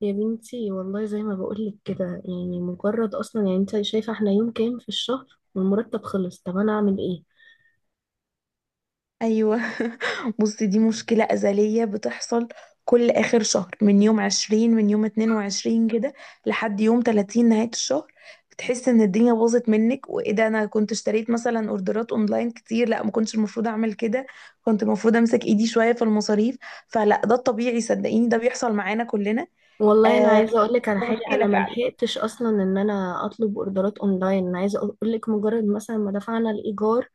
يا بنتي والله زي ما بقولك كده، يعني مجرد اصلا، يعني انت شايفه احنا يوم كام في الشهر والمرتب خلص؟ طب انا اعمل ايه؟ ايوه. بصي، دي مشكلة أزلية بتحصل كل آخر شهر، من يوم عشرين، من يوم اتنين وعشرين كده لحد يوم تلاتين نهاية الشهر. بتحس إن الدنيا باظت منك، وإيه ده، أنا كنت اشتريت مثلا أوردرات أونلاين كتير، لا ما كنتش المفروض أعمل كده، كنت المفروض أمسك إيدي شوية في المصاريف. فلا، ده الطبيعي، صدقيني ده بيحصل معانا كلنا. والله انا آه، عايزه اقول لك على حاجه. انا مشكلة ما فعلا. لحقتش اصلا ان انا اطلب اوردرات اونلاين. انا عايزه اقول لك مجرد مثلا ما دفعنا الايجار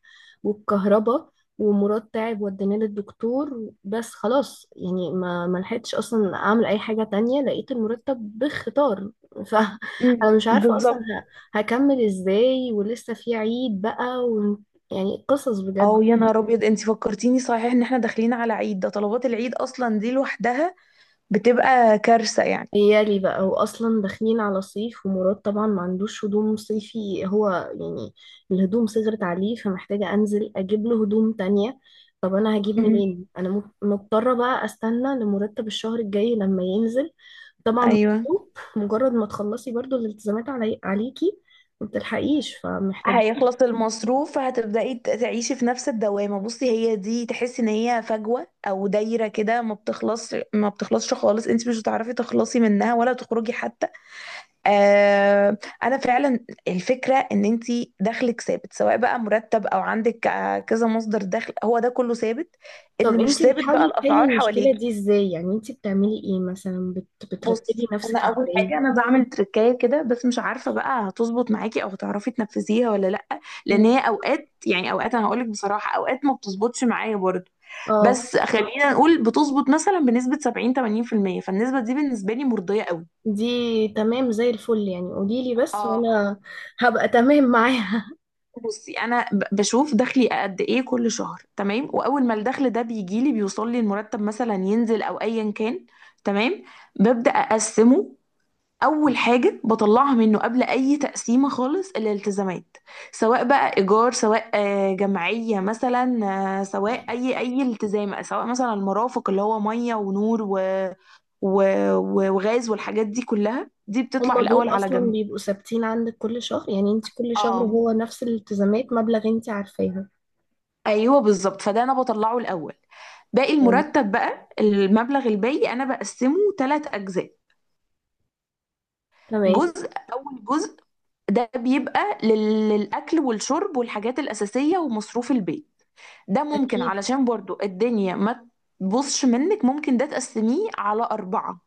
والكهرباء، ومراد تعب وديناه للدكتور، بس خلاص يعني ما لحقتش اصلا اعمل اي حاجه تانية. لقيت المرتب بخطار. فانا مش عارفه اصلا بالظبط. هكمل ازاي، ولسه في عيد بقى يعني قصص بجد. او يا نهار ابيض، انت فكرتيني، صحيح ان احنا داخلين على عيد، ده طلبات العيد اصلا دي لوحدها بتبقى كارثة يعني. يالي بقى، واصلا داخلين على صيف، ومراد طبعا ما عندوش هدوم صيفي هو، يعني الهدوم صغرت عليه، فمحتاجة انزل اجيب له هدوم تانية. طب انا هجيب امم، منين؟ انا مضطرة بقى استنى لمرتب الشهر الجاي لما ينزل. طبعا ايوه. مكتوب، مجرد ما تخلصي برضو الالتزامات علي عليكي، ما بتلحقيش، فمحتاجين. هيخلص المصروف، فهتبدأي تعيشي في نفس الدوامة. بصي، هي دي، تحسي ان هي فجوة او دايرة كده، ما بتخلص، ما بتخلصش خالص، انت مش هتعرفي تخلصي منها ولا تخرجي حتى. آه. انا فعلا. الفكرة ان انت دخلك ثابت، سواء بقى مرتب او عندك كذا مصدر دخل، هو ده كله ثابت. اللي طب مش انتي ثابت بقى بتحاولي تحلي الاسعار المشكلة دي حواليكي. ازاي؟ يعني انتي بتعملي ايه مثلا بترتبي بص، انا نفسك اول حاجه ازاي؟ انا بعمل تركايه كده، بس مش عارفه بقى هتظبط معاكي او هتعرفي تنفذيها ولا لا، لان هي مم. اوقات، يعني اوقات انا هقولك بصراحه اوقات ما بتظبطش معايا برضه. اه، بس خلينا نقول بتظبط مثلا بنسبه 70 80%، فالنسبه دي بالنسبه لي مرضيه قوي. دي تمام زي الفل يعني. قوليلي بس اه. وانا هبقى تمام معاها. بصي انا بشوف دخلي قد ايه كل شهر، تمام، واول ما الدخل ده بيجي لي، بيوصل لي المرتب مثلا، ينزل او ايا كان، تمام، ببدا اقسمه. اول حاجه بطلعها منه قبل اي تقسيمه خالص، الالتزامات، سواء بقى ايجار، سواء جمعيه مثلا، سواء اي التزام، سواء مثلا المرافق اللي هو ميه ونور و... و... و- وغاز والحاجات دي كلها، دي بتطلع هما الاول دول على اصلا جنب. بيبقوا ثابتين عندك كل شهر، يعني انت كل شهر اه هو نفس الالتزامات، مبلغ انت عارفاها. ايوه بالظبط، فده انا بطلعه الاول. باقي طيب، المرتب بقى، المبلغ الباقي انا بقسمه ثلاث اجزاء. تمام. جزء، أول جزء ده بيبقى للأكل والشرب والحاجات الأساسية ومصروف البيت. ده ممكن، اكيد. علشان برضو الدنيا ما تبصش منك، ممكن ده تقسميه على أربعة،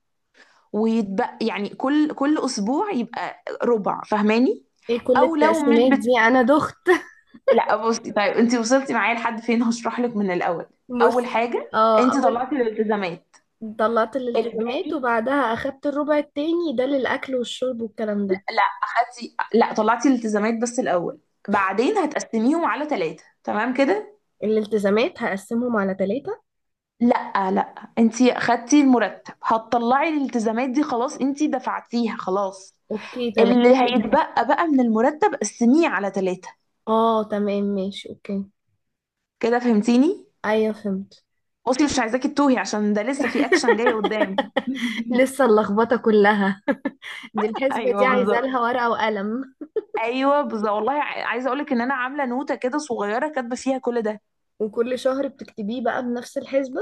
ويتبقى يعني كل أسبوع يبقى ربع، فاهماني؟ ايه كل أو لو مش التقسيمات بت... دي؟ انا دخت. لا بصي، طيب أنت وصلتي معايا لحد فين؟ هشرح لك من الأول. أول بص، حاجة، اه، أنت اول طلعتي الالتزامات. طلعت الالتزامات، الباقي، وبعدها اخدت الربع التاني ده للاكل والشرب والكلام ده. لا اخدتي، لا طلعتي الالتزامات بس الاول، بعدين هتقسميهم على ثلاثة، تمام كده؟ الالتزامات هقسمهم على ثلاثة. لا لا، انتي اخدتي المرتب، هتطلعي الالتزامات دي خلاص انتي دفعتيها خلاص، اوكي تمام. اللي هيتبقى بقى من المرتب قسميه على ثلاثة، اه تمام، ماشي اوكي. كده فهمتيني؟ ايوه فهمت. بصي مش عايزاكي تتوهي، عشان ده لسه في اكشن جاي قدام. لسه اللخبطة كلها. دي الحسبة دي ايوه عايزة بالظبط. لها ورقة وقلم، ايوه بالظبط، والله عايزه اقولك ان انا عامله نوته كده صغيره كاتبه فيها كل ده. وكل شهر بتكتبيه بقى بنفس الحسبة.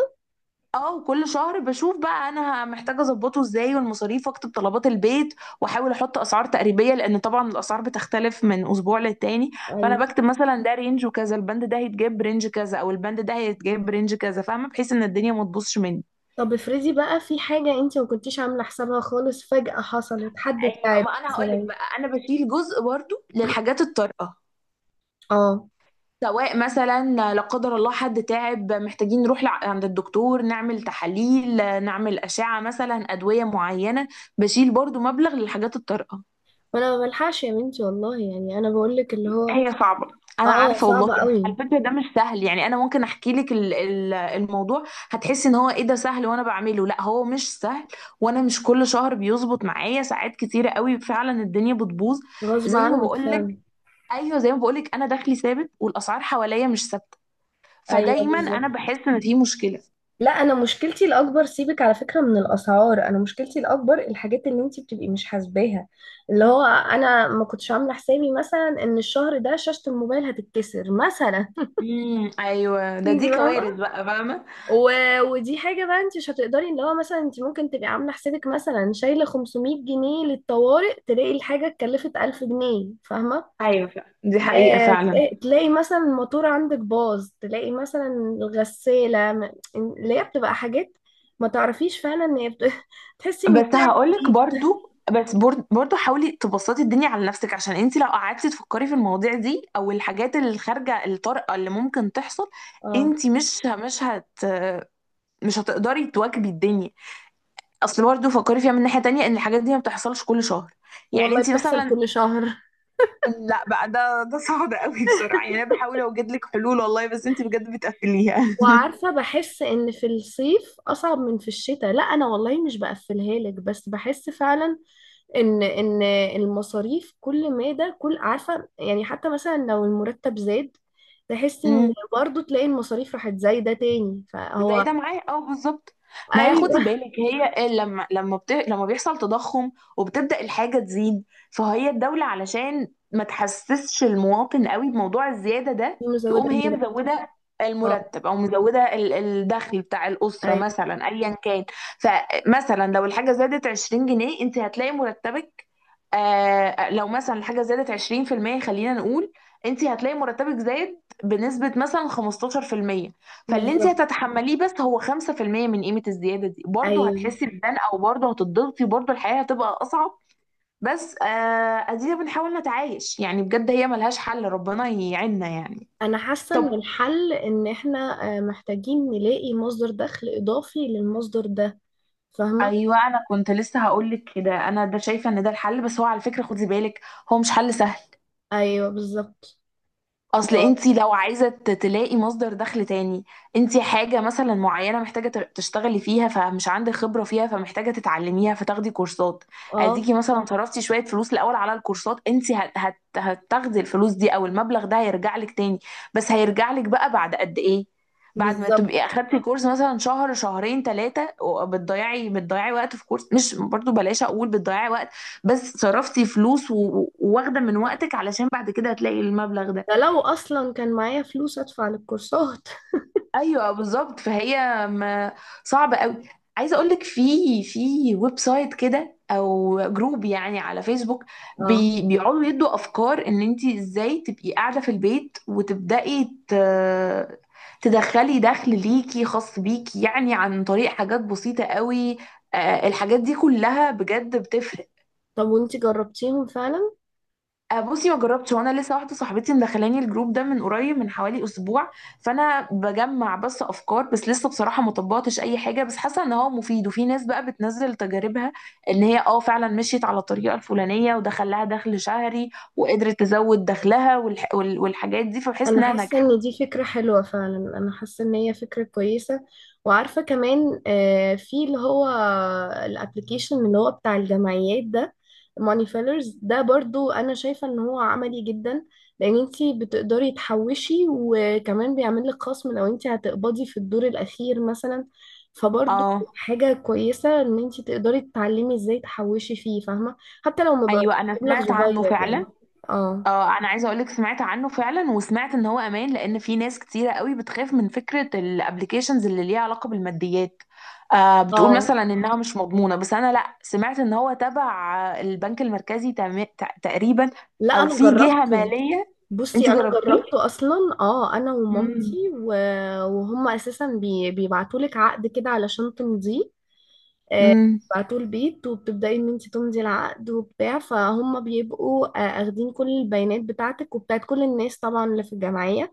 اه، وكل شهر بشوف بقى انا محتاجه اظبطه ازاي، والمصاريف، واكتب طلبات البيت، واحاول احط اسعار تقريبيه، لان طبعا الاسعار بتختلف من اسبوع للتاني. فانا ايوه. بكتب مثلا ده رينج وكذا، البند ده هيتجاب رينج كذا، او البند ده هيتجاب رينج كذا، فاهمه، بحيث ان الدنيا ما تبوظش مني. طب افرضي بقى في حاجة انت ما كنتيش عاملة حسابها خالص، فجأة حصلت، حد ايوه، تعب ما انا هقول لك مثلا. بقى، انا بشيل جزء برضو للحاجات الطارئه، اه، سواء مثلا لا قدر الله حد تعب محتاجين نروح عند الدكتور نعمل تحاليل، نعمل اشعه مثلا، ادويه معينه، بشيل برضو مبلغ للحاجات الطارئه. وانا ما بلحقش، يا بنتي والله، يعني انا بقولك اللي هو هي صعبة، انا اه عارفه والله. صعب قوي. على فكره ده مش سهل، يعني انا ممكن احكي لك ال- ال- الموضوع، هتحسي ان هو ايه ده سهل وانا بعمله، لا هو مش سهل، وانا مش كل شهر بيظبط معايا، ساعات كتيره قوي فعلا الدنيا بتبوظ. غصب زي ما عنك بقول فعلا. لك. ايوه زي ما بقول لك، انا دخلي ثابت والاسعار حواليا مش ثابته، ايوه فدايما بالظبط. انا بحس ان في مشكله. لا، انا مشكلتي الاكبر، سيبك على فكره من الاسعار، انا مشكلتي الاكبر الحاجات اللي انت بتبقي مش حاسباها. اللي هو انا ما كنتش عامله حسابي مثلا ان الشهر ده شاشه الموبايل هتتكسر مثلا. ايوه ده، انت دي فاهمه. كوارث بقى، فاهمه. ودي حاجه بقى انت مش هتقدري، اللي هو مثلا انت ممكن تبقي عامله حسابك مثلا شايله 500 جنيه للطوارئ، تلاقي الحاجه اتكلفت 1000 جنيه، فاهمه؟ ايوه فعلا دي حقيقه فعلا. تلاقي تلاقي مثلا الموتور عندك باظ، تلاقي مثلا الغسالة اللي هي بتبقى حاجات ما تعرفيش فعلا ان هي تحسي ان بس في هقولك عفريت. برضو حاولي تبسطي الدنيا على نفسك، عشان انت لو قعدتي تفكري في المواضيع دي او الحاجات اللي خارجه الطارئه اللي ممكن تحصل، اه انت مش هتقدري تواكبي الدنيا. اصل برضو فكري فيها من ناحيه تانية، ان الحاجات دي ما بتحصلش كل شهر، يعني والله انت بتحصل مثلا، كل شهر. لا بقى ده صعب قوي بسرعه، يعني انا بحاول اوجد لك حلول والله، بس انت بجد بتقفليها. وعارفة بحس ان في الصيف اصعب من في الشتاء. لا، انا والله مش بقفلها لك، بس بحس فعلا ان ان المصاريف، كل ما ده كل، عارفة يعني، حتى مثلا لو المرتب زاد تحسي ان برضه تلاقي المصاريف راحت زايدة تاني، زي فهو ده معايا، اه بالظبط. ما هي خدي ايوه. بالك، هي لما بيحصل تضخم وبتبدأ الحاجة تزيد، فهي الدولة علشان ما تحسسش المواطن قوي بموضوع الزيادة ده، مزودة تقوم هي المرونة. مزودة اه المرتب، او مزودة الدخل بتاع الأسرة ايوه مثلا، ايا كان. فمثلا لو الحاجة زادت 20 جنيه انت هتلاقي مرتبك، آه، لو مثلا الحاجة زادت 20% خلينا نقول، انت هتلاقي مرتبك زاد بنسبة مثلا 15%، فاللي انت بالظبط. هتتحمليه بس هو 5% من قيمة الزيادة دي، برضه ايوه. هتحسي بدان، او برضه هتضغطي، برضه الحياة هتبقى اصعب. بس، ادينا بنحاول نتعايش يعني، بجد هي ملهاش حل، ربنا يعيننا يعني. انا حاسة ان طب. الحل ان احنا محتاجين نلاقي مصدر دخل اضافي للمصدر ده، فاهمة؟ ايوه انا كنت لسه هقولك كده، انا ده شايفه ان ده الحل، بس هو على فكره خدي بالك هو مش حل سهل. ايوه بالظبط. اصل انتي ما- لو عايزه تلاقي مصدر دخل تاني، انتي حاجه مثلا معينه محتاجه تشتغلي فيها، فمش عندك خبره فيها، فمحتاجه تتعلميها فتاخدي كورسات، اه اديكي مثلا صرفتي شويه فلوس الاول على الكورسات، انتي هت- هت- هتاخدي الفلوس دي، او المبلغ ده هيرجع لك تاني، بس هيرجع لك بقى بعد قد ايه؟ بعد ما تبقي بالظبط. اخدتي كورس مثلا شهر شهرين ثلاثه، بتضيعي وقت في كورس، مش برضو بلاش اقول بتضيعي وقت، بس صرفتي فلوس و- و- وواخده من وقتك علشان بعد كده هتلاقي المبلغ ده ده. لو اصلا كان معايا فلوس ادفع للكورسات. ايوه بالظبط، فهي ما صعبه قوي. عايزه اقول لك في ويب سايت كده او جروب يعني على فيسبوك اه، بي بيقعدوا يدوا افكار ان انت ازاي تبقي قاعده في البيت وتبداي ت... تدخلي دخل ليكي خاص بيكي، يعني عن طريق حاجات بسيطه قوي، الحاجات دي كلها بجد بتفرق. طب وانتي جربتيهم فعلا؟ بصي ما جربتش، وانا لسه واحده صاحبتي مدخلاني الجروب ده من قريب، من حوالي اسبوع، فانا بجمع بس افكار، بس لسه بصراحه ما طبقتش اي حاجه، بس حاسه ان هو مفيد، وفي ناس بقى بتنزل تجاربها، ان هي اه فعلا مشيت على الطريقه الفلانيه ودخل لها دخل شهري، وقدرت تزود دخلها والح... وال... والحاجات دي، فبحس انا انها حاسه ناجحه. ان دي فكره حلوه فعلا، انا حاسه ان هي فكره كويسه. وعارفه كمان في اللي هو الابلكيشن اللي هو بتاع الجمعيات ده، ماني فيلرز ده، برضو انا شايفه ان هو عملي جدا، لان انتي بتقدري تحوشي، وكمان بيعمل لك خصم لو انتي هتقبضي في الدور الاخير مثلا. فبرضو اه. حاجه كويسه ان انتي تقدري تتعلمي ازاي تحوشي فيه، فاهمه؟ حتى لو مبلغ ايوه انا سمعت صغير عنه يعني. فعلا. اه. اه انا عايزه اقولك سمعت عنه فعلا، وسمعت ان هو امان، لان في ناس كتيره قوي بتخاف من فكره الابليكيشنز اللي ليها علاقه بالماديات، آه بتقول اه. مثلا انها مش مضمونه، بس انا لا سمعت ان هو تبع البنك المركزي تقريبا، لا او انا في جهه جربته. ماليه. انت بصي انا جربتيه؟ جربته اصلا. اه انا مم. ومامتي وهم اساسا بيبعتوا لك عقد كده علشان تمضيه. آه، امم. بيبعتوه البيت، وبتبداي ان انت تمضي العقد وبتاع. فهم بيبقوا اخدين كل البيانات بتاعتك وبتاعت كل الناس طبعا اللي في الجمعيه.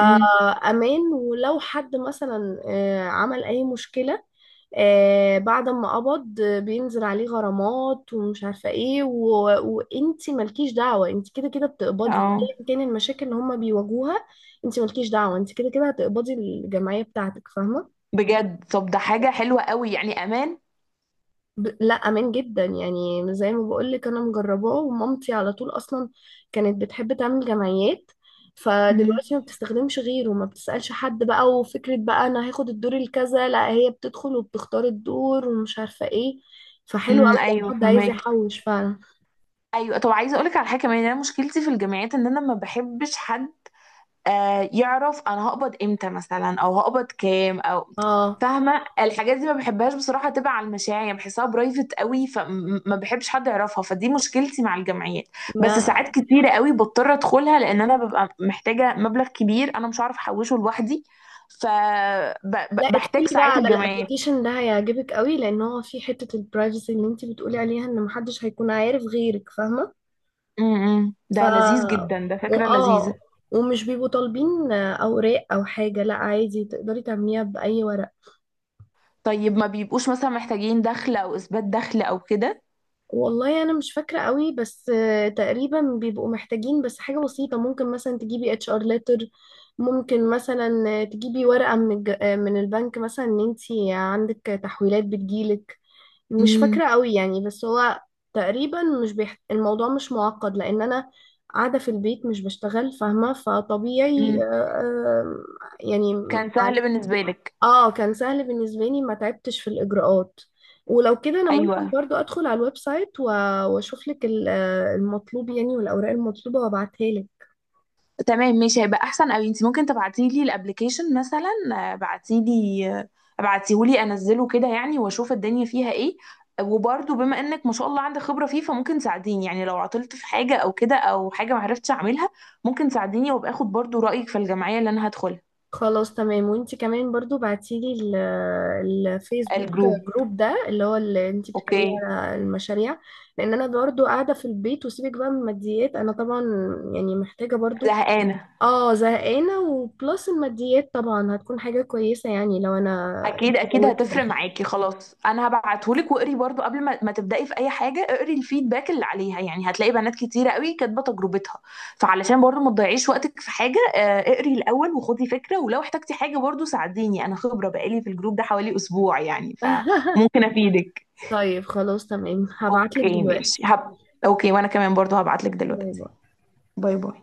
امم. ولو حد مثلا عمل أي مشكلة بعد ما قبض، بينزل عليه غرامات ومش عارفة ايه وانتي مالكيش دعوة، انتي كده كده بتقبضي اه. ايا كان المشاكل اللي هما بيواجهوها. انتي مالكيش دعوة، انتي كده كده هتقبضي الجمعية بتاعتك، فاهمة؟ بجد؟ طب ده حاجه حلوه قوي يعني، امان. لا امان جدا يعني. زي ما بقول لك انا مجرباه، ومامتي على طول اصلا كانت بتحب تعمل جمعيات، امم. فدلوقتي ما بتستخدمش غيره، ما بتسألش حد بقى. وفكرة بقى انا هاخد الدور الكذا، لا، هي بتدخل وبتختار الدور ومش عارفة ايه. فحلو قوي ايوه لو حد عايز فهماكي. يحوش فعلا. ايوه طب عايزه اقولك على حاجه كمان، انا مشكلتي في الجامعات ان انا ما بحبش حد يعرف انا هقبض امتى مثلا، او هقبض كام، او اه. فاهمه، الحاجات دي ما بحبهاش بصراحه، تبع على المشاريع بحسها برايفت قوي، فما بحبش حد يعرفها، فدي مشكلتي مع الجمعيات. بس ما ساعات كتيره قوي بضطر ادخلها، لان انا ببقى محتاجه مبلغ كبير انا مش عارف احوشه لوحدي، لا، ادخلي فبحتاج بقى ساعات على الجمعيات. الابلكيشن ده، هيعجبك قوي، لان هو فيه حتة البرايفسي اللي انت بتقولي عليها، ان محدش هيكون عارف غيرك، فاهمة؟ امم. ف ده لذيذ جدا، ده فكره لذيذه. واه ومش بيبقوا طالبين اوراق او حاجه، لا عادي تقدري تعمليها باي ورق. طيب ما بيبقوش مثلا محتاجين دخل او اثبات دخل او كده؟ والله انا مش فاكره قوي، بس تقريبا بيبقوا محتاجين بس حاجه بسيطه، ممكن مثلا تجيبي HR ليتر، ممكن مثلا تجيبي ورقه من من البنك مثلا ان انت عندك تحويلات بتجيلك. مش امم. فاكرة قوي يعني، بس هو تقريبا مش الموضوع مش معقد، لأن أنا قاعدة في البيت مش بشتغل، فاهمة؟ فطبيعي امم. يعني كان سهل بالنسبه لك. اه كان سهل بالنسبة لي، ما تعبتش في الإجراءات. ولو كده أنا ممكن ايوه برضو أدخل على الويب سايت وأشوف لك المطلوب يعني، والأوراق المطلوبة وأبعتها لك. تمام ماشي هيبقى احسن قوي، انت ممكن تبعتي لي الابلكيشن مثلا؟ ابعتي لي، ابعتيه لي انزله كده يعني واشوف الدنيا فيها ايه، وبرضه بما انك ما شاء الله عندك خبرة فيه، فممكن تساعديني، يعني لو عطلت في حاجة او كده، او حاجة ما عرفتش اعملها ممكن تساعديني، وابقى اخد برضه رأيك في الجمعية اللي انا هدخلها. خلاص تمام. وانت كمان برضو بعتيلي الفيسبوك الجروب. جروب ده، اللي هو اللي انت بتتكلمي اوكي. على المشاريع. لان انا برضو قاعده في البيت، وسيبك بقى من الماديات، انا طبعا يعني محتاجه برضو. زهقانة. اه زهقانه، وبلس الماديات طبعا هتكون حاجه كويسه يعني لو انا اكيد اكيد زودت هتفرق دخل. معاكي، خلاص انا هبعتهولك، واقري برضو قبل ما تبدأي في اي حاجة اقري الفيدباك اللي عليها، يعني هتلاقي بنات كتيرة قوي كاتبة تجربتها، فعلشان برضو ما تضيعيش وقتك في حاجة، اقري الاول وخدي فكرة، ولو احتجتي حاجة برضو ساعديني، انا خبرة بقالي في الجروب ده حوالي اسبوع يعني، فممكن افيدك. طيب خلاص تمام، هبعتلك اوكي ماشي دلوقتي. هب... اوكي، وانا كمان برضو هبعتلك باي دلوقتي. باي. باي باي.